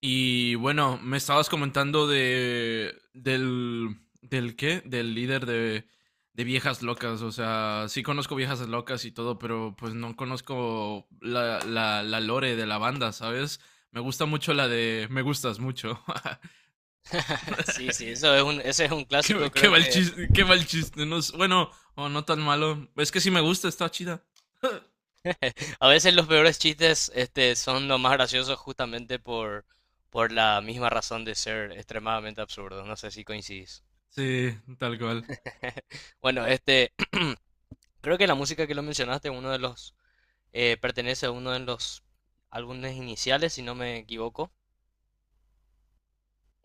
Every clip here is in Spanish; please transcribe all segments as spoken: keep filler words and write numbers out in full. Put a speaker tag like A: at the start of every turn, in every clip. A: Y bueno, me estabas comentando de del del qué, del líder de de Viejas Locas. O sea, sí conozco Viejas Locas y todo, pero pues no conozco la, la, la lore de la banda, ¿sabes? Me gusta mucho la de Me Gustas Mucho.
B: Sí, sí, eso es un, ese es un
A: qué,
B: clásico.
A: qué
B: Creo
A: mal
B: que
A: chiste, qué mal chiste. No es- bueno, o no tan malo. Es que sí me gusta, está chida.
B: a veces los peores chistes este, son los más graciosos justamente por, por la misma razón de ser extremadamente absurdos. No sé si coincidís.
A: Sí, tal cual.
B: Bueno, este, creo que la música que lo mencionaste, uno de los, eh, pertenece a uno de los álbumes iniciales, si no me equivoco,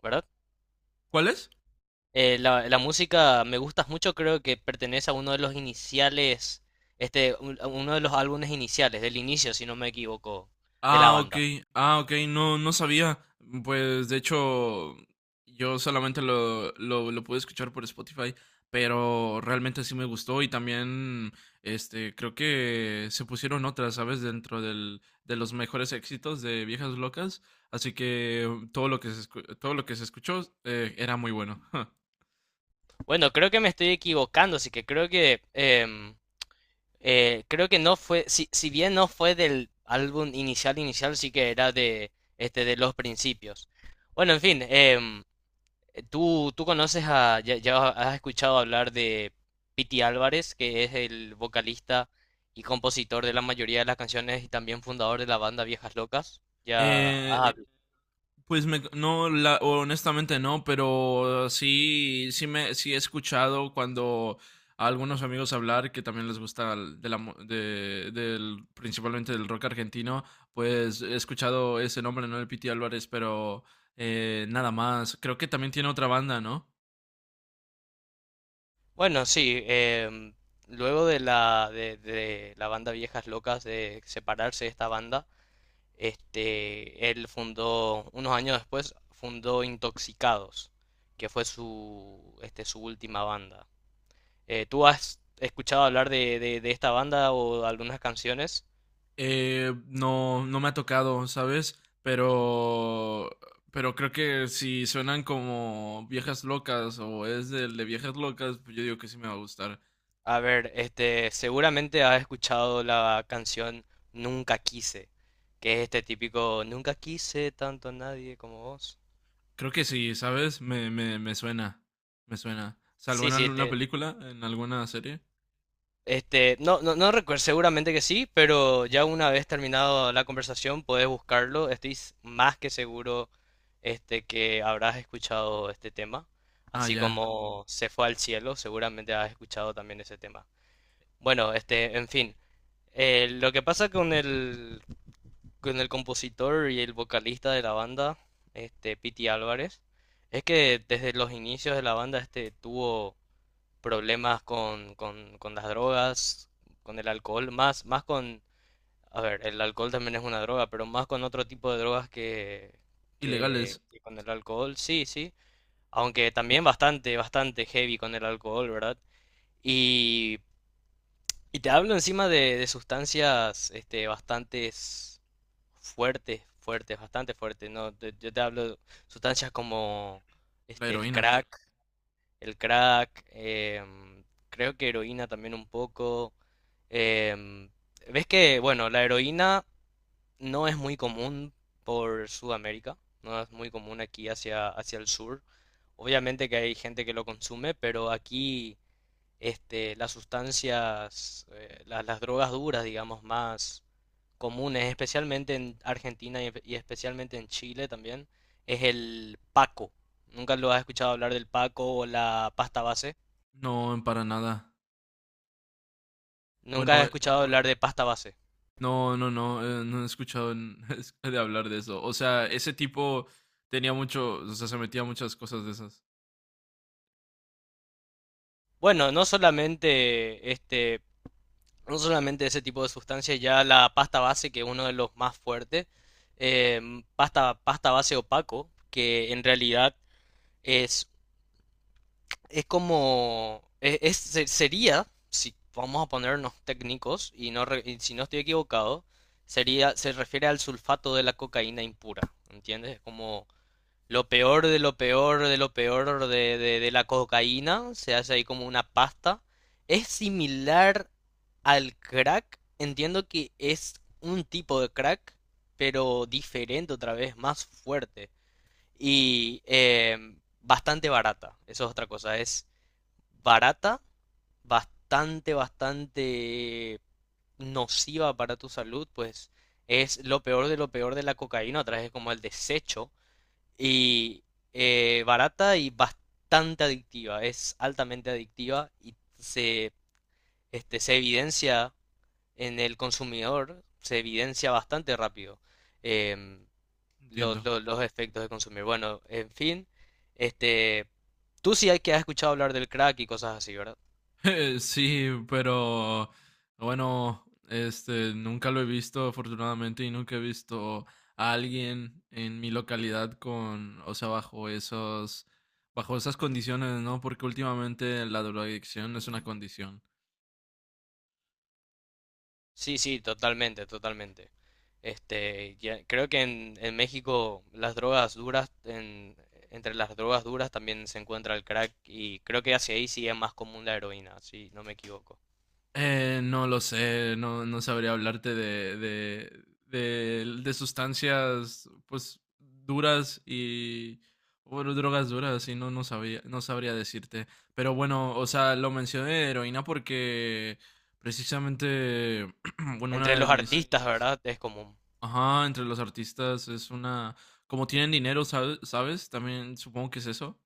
B: ¿verdad?
A: ¿Cuál es?
B: Eh, la, la música Me Gustas Mucho creo que pertenece a uno de los iniciales, este, un- a uno de los álbumes iniciales, del inicio, si no me equivoco, de la
A: Ah, ok.
B: banda.
A: Ah, ok. No, no sabía. Pues de hecho, yo solamente lo, lo, lo pude escuchar por Spotify, pero realmente sí me gustó. Y también, este, creo que se pusieron otras, ¿sabes? Dentro del, de los mejores éxitos de Viejas Locas. Así que todo lo que se, escu- todo lo que se escuchó eh, era muy bueno.
B: Bueno, creo que me estoy equivocando, así que creo que em, eh, creo que no fue. Si, si bien no fue del álbum inicial inicial, sí que era de este de los principios. Bueno, en fin, em, tú tú conoces a ya, ya has escuchado hablar de Pity Álvarez, que es el vocalista y compositor de la mayoría de las canciones y también fundador de la banda Viejas Locas. Ya,
A: Eh,
B: ah,
A: Pues me, no, la- honestamente no. Pero sí, sí me, sí he escuchado cuando a algunos amigos hablar que también les gusta el- de la mu- de- del, principalmente del rock argentino. Pues he escuchado ese nombre, ¿no? El Piti Álvarez. Pero eh, nada más. Creo que también tiene otra banda, ¿no?
B: bueno, sí, em, luego de la, de, de la banda Viejas Locas, de separarse de esta banda, este, él fundó, unos años después, fundó Intoxicados, que fue su, este, su última banda. Eh, ¿tú has escuchado hablar de, de, de esta banda o de algunas canciones?
A: Eh, no, no me ha tocado, ¿sabes? Pero, pero creo que si suenan como Viejas Locas o es del de Viejas Locas, pues yo digo que sí me va a gustar.
B: A ver, este, seguramente has escuchado la canción Nunca Quise, que es este típico nunca quise tanto a nadie como vos.
A: Creo que sí, ¿sabes? Me, me, me suena. Me suena. ¿Salvo
B: Sí,
A: en
B: sí,
A: alguna
B: te,
A: película? ¿En alguna serie?
B: Este, no, no, no recuerdo, seguramente que sí, pero ya una vez terminado la conversación puedes buscarlo. Estoy s- más que seguro este, que habrás escuchado este tema.
A: Ah,
B: Así
A: ya.
B: como se fue al cielo, seguramente has escuchado también ese tema. Bueno, este, en fin. Eh, lo que pasa con el, con el compositor y el vocalista de la banda, este, Pity Álvarez, es que desde los inicios de la banda este tuvo problemas con, con, con las drogas, con el alcohol, más, más con, a ver, el alcohol también es una droga, pero más con otro tipo de drogas que, que,
A: Ilegales.
B: que con el alcohol, sí, sí. Aunque también bastante, bastante heavy con el alcohol, ¿verdad? Y, y te hablo encima de, de sustancias este, bastantes fuertes, fuertes, bastante fuertes, ¿no? Te- yo te hablo de sustancias como
A: La
B: este, el
A: heroína.
B: crack, el crack, em, creo que heroína también un poco. Em, Ves que, bueno, la heroína no es muy común por Sudamérica, no es muy común aquí hacia, hacia el sur. Obviamente que hay gente que lo consume, pero aquí este, las sustancias, eh, la- las drogas duras, digamos, más comunes, especialmente en Argentina y, y especialmente en Chile también, es el paco. ¿Nunca lo has escuchado hablar del paco o la pasta base?
A: No, para nada.
B: Nunca he
A: Bueno, eh,
B: escuchado hablar de pasta base.
A: no, no, no. Eh, no he escuchado en- de hablar de eso. O sea, ese tipo tenía mucho. O sea, se metía a muchas cosas de esas.
B: Bueno, no solamente este, no solamente ese tipo de sustancias, ya la pasta base, que es uno de los más fuertes, em, pasta, pasta base opaco, que en realidad es, es como, es, es- se- sería, si vamos a ponernos técnicos, y no, re- y si no estoy equivocado, sería, se refiere al sulfato de la cocaína impura, ¿entiendes? Es como lo peor de lo peor de lo peor de, de, de la cocaína se hace ahí como una pasta. Es similar al crack. Entiendo que es un tipo de crack, pero diferente otra vez, más fuerte. Y eh, bastante barata. Eso es otra cosa. Es barata, bastante, bastante nociva para tu salud. Pues es lo peor de lo peor de la cocaína. Otra vez es como el desecho y eh, barata y bastante adictiva, es altamente adictiva y se, este, se evidencia en el consumidor, se evidencia bastante rápido em, los,
A: Entiendo.
B: los, los efectos de consumir. Bueno, en fin, este, tú sí hay que has escuchado hablar del crack y cosas así, ¿verdad?
A: Sí, pero bueno, este, nunca lo he visto afortunadamente, y nunca he visto a alguien en mi localidad con, o sea, bajo esos, bajo esas condiciones, ¿no? Porque últimamente la drogadicción es una condición.
B: Sí, sí, totalmente, totalmente. Este, ya- creo que en, en México las drogas duras, en- entre las drogas duras también se encuentra el crack y creo que hacia ahí sí es más común la heroína, si no me equivoco.
A: Eh, no lo sé, no, no sabría hablarte de, de, de, de sustancias pues duras y bueno, drogas duras. Y no, no sabía, no sabría decirte. Pero bueno, o sea, lo mencioné heroína porque precisamente, bueno,
B: Entre
A: una de
B: los
A: mis,
B: artistas, ¿verdad? Es común.
A: ajá, entre los artistas es una, como tienen dinero, ¿sabes? ¿Sabes? También supongo que es eso,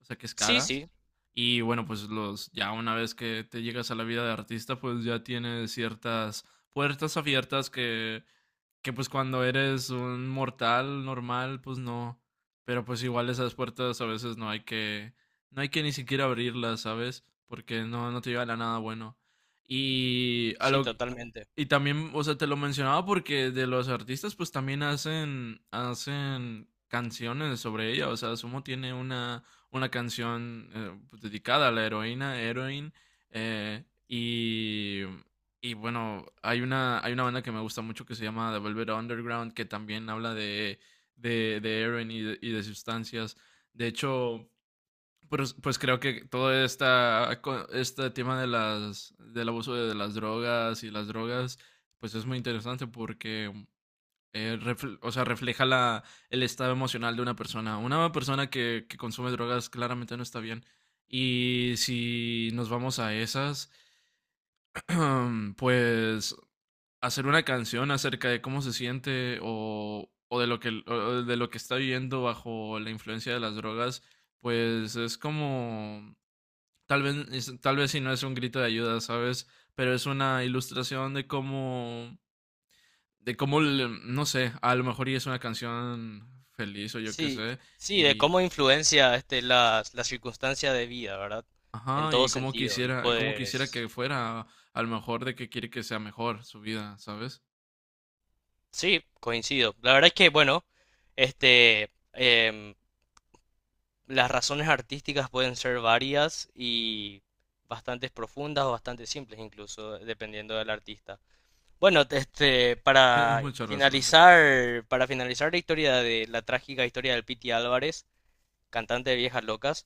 A: o sea, que es
B: Sí,
A: cara.
B: sí,
A: Y bueno, pues los, ya una vez que te llegas a la vida de artista, pues ya tienes ciertas puertas abiertas que, que pues cuando eres un mortal normal, pues no. Pero pues igual esas puertas a veces no hay que, no hay que ni siquiera abrirlas, ¿sabes? Porque no, no te llevan a nada bueno. Y a
B: sí,
A: lo,
B: totalmente.
A: y también, o sea, te lo mencionaba porque de los artistas, pues también hacen, hacen canciones sobre ella. O sea, Sumo tiene una, una canción eh, pues, dedicada a la heroína, Heroin. Eh, y, y bueno, hay una, hay una banda que me gusta mucho que se llama The Velvet Underground, que también habla de, de, de heroin y de, y de sustancias. De hecho, pues, pues creo que todo esta, co- este tema de las, del abuso de las drogas y las drogas, pues es muy interesante porque eh, refle- o sea, refleja la, el estado emocional de una persona. Una persona que, que consume drogas claramente no está bien. Y si nos vamos a esas, pues hacer una canción acerca de cómo se siente, o, o de lo que, o de lo que está viviendo bajo la influencia de las drogas, pues es como tal vez, tal vez si no es un grito de ayuda, ¿sabes? Pero es una ilustración de cómo, de cómo, le- no sé, a lo mejor y es una canción feliz, o yo qué
B: Sí,
A: sé,
B: sí, de
A: y,
B: cómo influencia este, las, las circunstancias de vida, ¿verdad? En
A: ajá,
B: todo
A: y cómo
B: sentido. Y
A: quisiera, cómo quisiera
B: pues,
A: que fuera, a lo mejor de que quiere que sea mejor su vida, ¿sabes?
B: sí, coincido. La verdad es que, bueno, este, em, las razones artísticas pueden ser varias y bastante profundas o bastante simples incluso, dependiendo del artista. Bueno, te- este,
A: Tienes
B: para
A: mucha razón.
B: finalizar, para finalizar la historia de la trágica historia del Piti Álvarez, cantante de Viejas Locas,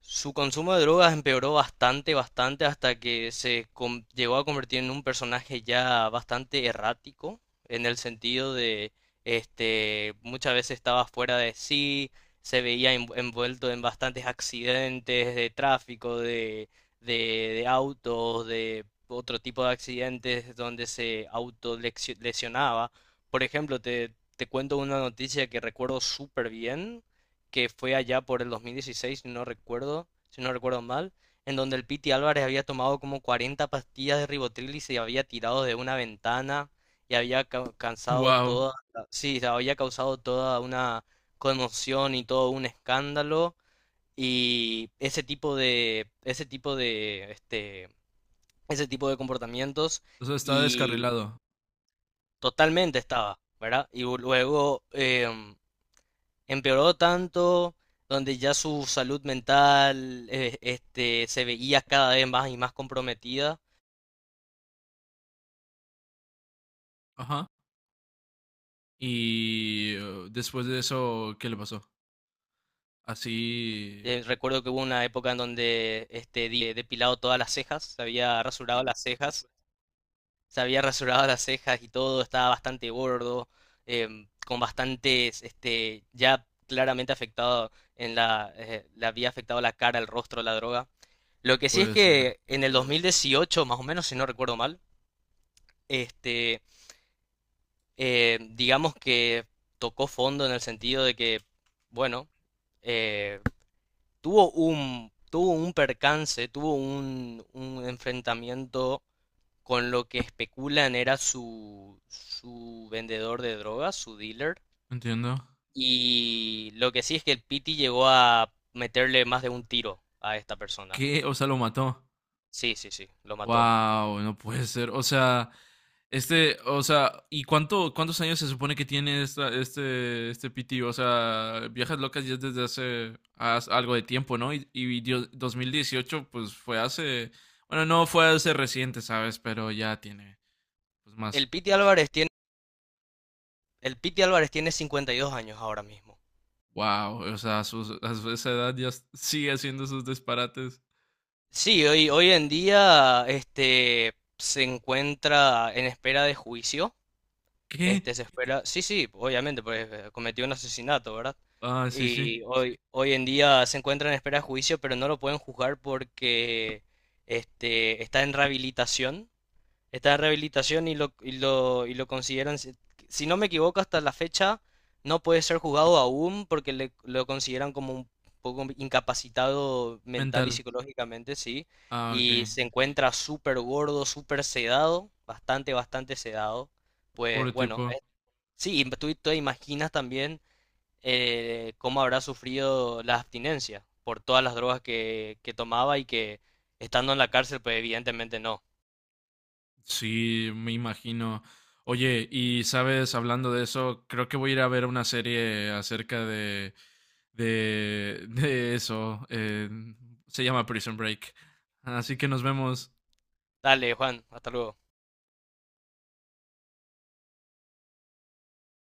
B: su consumo de drogas empeoró bastante, bastante, hasta que se com- llegó a convertir en un personaje ya bastante errático, en el sentido de, este, muchas veces estaba fuera de sí, se veía env- envuelto en bastantes accidentes de tráfico, de, de, de autos, de otro tipo de accidentes donde se autolesionaba. Por ejemplo, te, te cuento una noticia que recuerdo súper bien que fue allá por el dos mil dieciséis, si no recuerdo, si no recuerdo mal, en donde el Piti Álvarez había tomado como cuarenta pastillas de ribotril y se había tirado de una ventana y había ca- cansado
A: Wow,
B: toda, sí, había causado toda una conmoción y todo un escándalo y ese tipo de ese tipo de este ese tipo de comportamientos
A: o sea, estaba
B: y
A: descarrilado.
B: totalmente estaba, ¿verdad? Y luego em, empeoró tanto, donde ya su salud mental eh, este, se veía cada vez más y más comprometida.
A: Ajá. Y eh, después de eso, ¿qué le pasó? Así
B: Eh, recuerdo que hubo una época en donde este, di- eh, depilado todas las cejas, se había rasurado las cejas, se había rasurado las cejas y todo, estaba bastante gordo, em, con bastantes, este, ya claramente afectado en la, eh, le había afectado la cara, el rostro, la droga. Lo
A: no
B: que sí es
A: puede ser.
B: que en el dos mil dieciocho, más o menos, si no recuerdo mal, este, eh, digamos que tocó fondo en el sentido de que, bueno, eh, tuvo un, tuvo un percance, tuvo un, un enfrentamiento con lo que especulan era su, su vendedor de drogas, su dealer.
A: Entiendo.
B: Y lo que sí es que el Pity llegó a meterle más de un tiro a esta persona.
A: ¿Qué? O sea, lo mató.
B: Sí, sí, sí, lo mató.
A: Wow, no puede ser. O sea, este, o sea, ¿y cuánto, cuántos años se supone que tiene esta, este, este P T? O sea, Viejas Locas ya es desde hace as- algo de tiempo, ¿no? Y, y dio- dos mil dieciocho, pues fue hace, bueno, no fue hace reciente, ¿sabes? Pero ya tiene, pues más.
B: El Pity Álvarez tiene, el Pity Álvarez tiene cincuenta y dos años ahora mismo.
A: Wow, o sea, a, sus- a su- esa edad ya s- sigue haciendo sus disparates.
B: Sí, hoy, hoy en día este, se encuentra en espera de juicio.
A: ¿Qué?
B: Este se espera, sí, sí, obviamente, porque eh, cometió un asesinato, ¿verdad?
A: Ah, sí, sí.
B: Y hoy, hoy en día se encuentra en espera de juicio, pero no lo pueden juzgar porque este, está en rehabilitación. Está en rehabilitación y lo, y lo, y lo consideran, si si no me equivoco, hasta la fecha no puede ser juzgado aún porque le, lo consideran como un poco incapacitado mental y
A: Mental.
B: psicológicamente, sí.
A: Ah, ok.
B: Y se encuentra súper gordo, súper sedado, bastante, bastante sedado. Pues
A: Pobre
B: bueno,
A: tipo.
B: eh, sí, y tú te imaginas también eh, cómo habrá sufrido la abstinencia por todas las drogas que, que tomaba y que estando en la cárcel, pues evidentemente no.
A: Sí, me imagino. Oye, y sabes, hablando de eso, creo que voy a ir a ver una serie acerca de de, de eso. Eh, se llama Prison Break. Así que nos vemos.
B: Dale, Juan, hasta luego.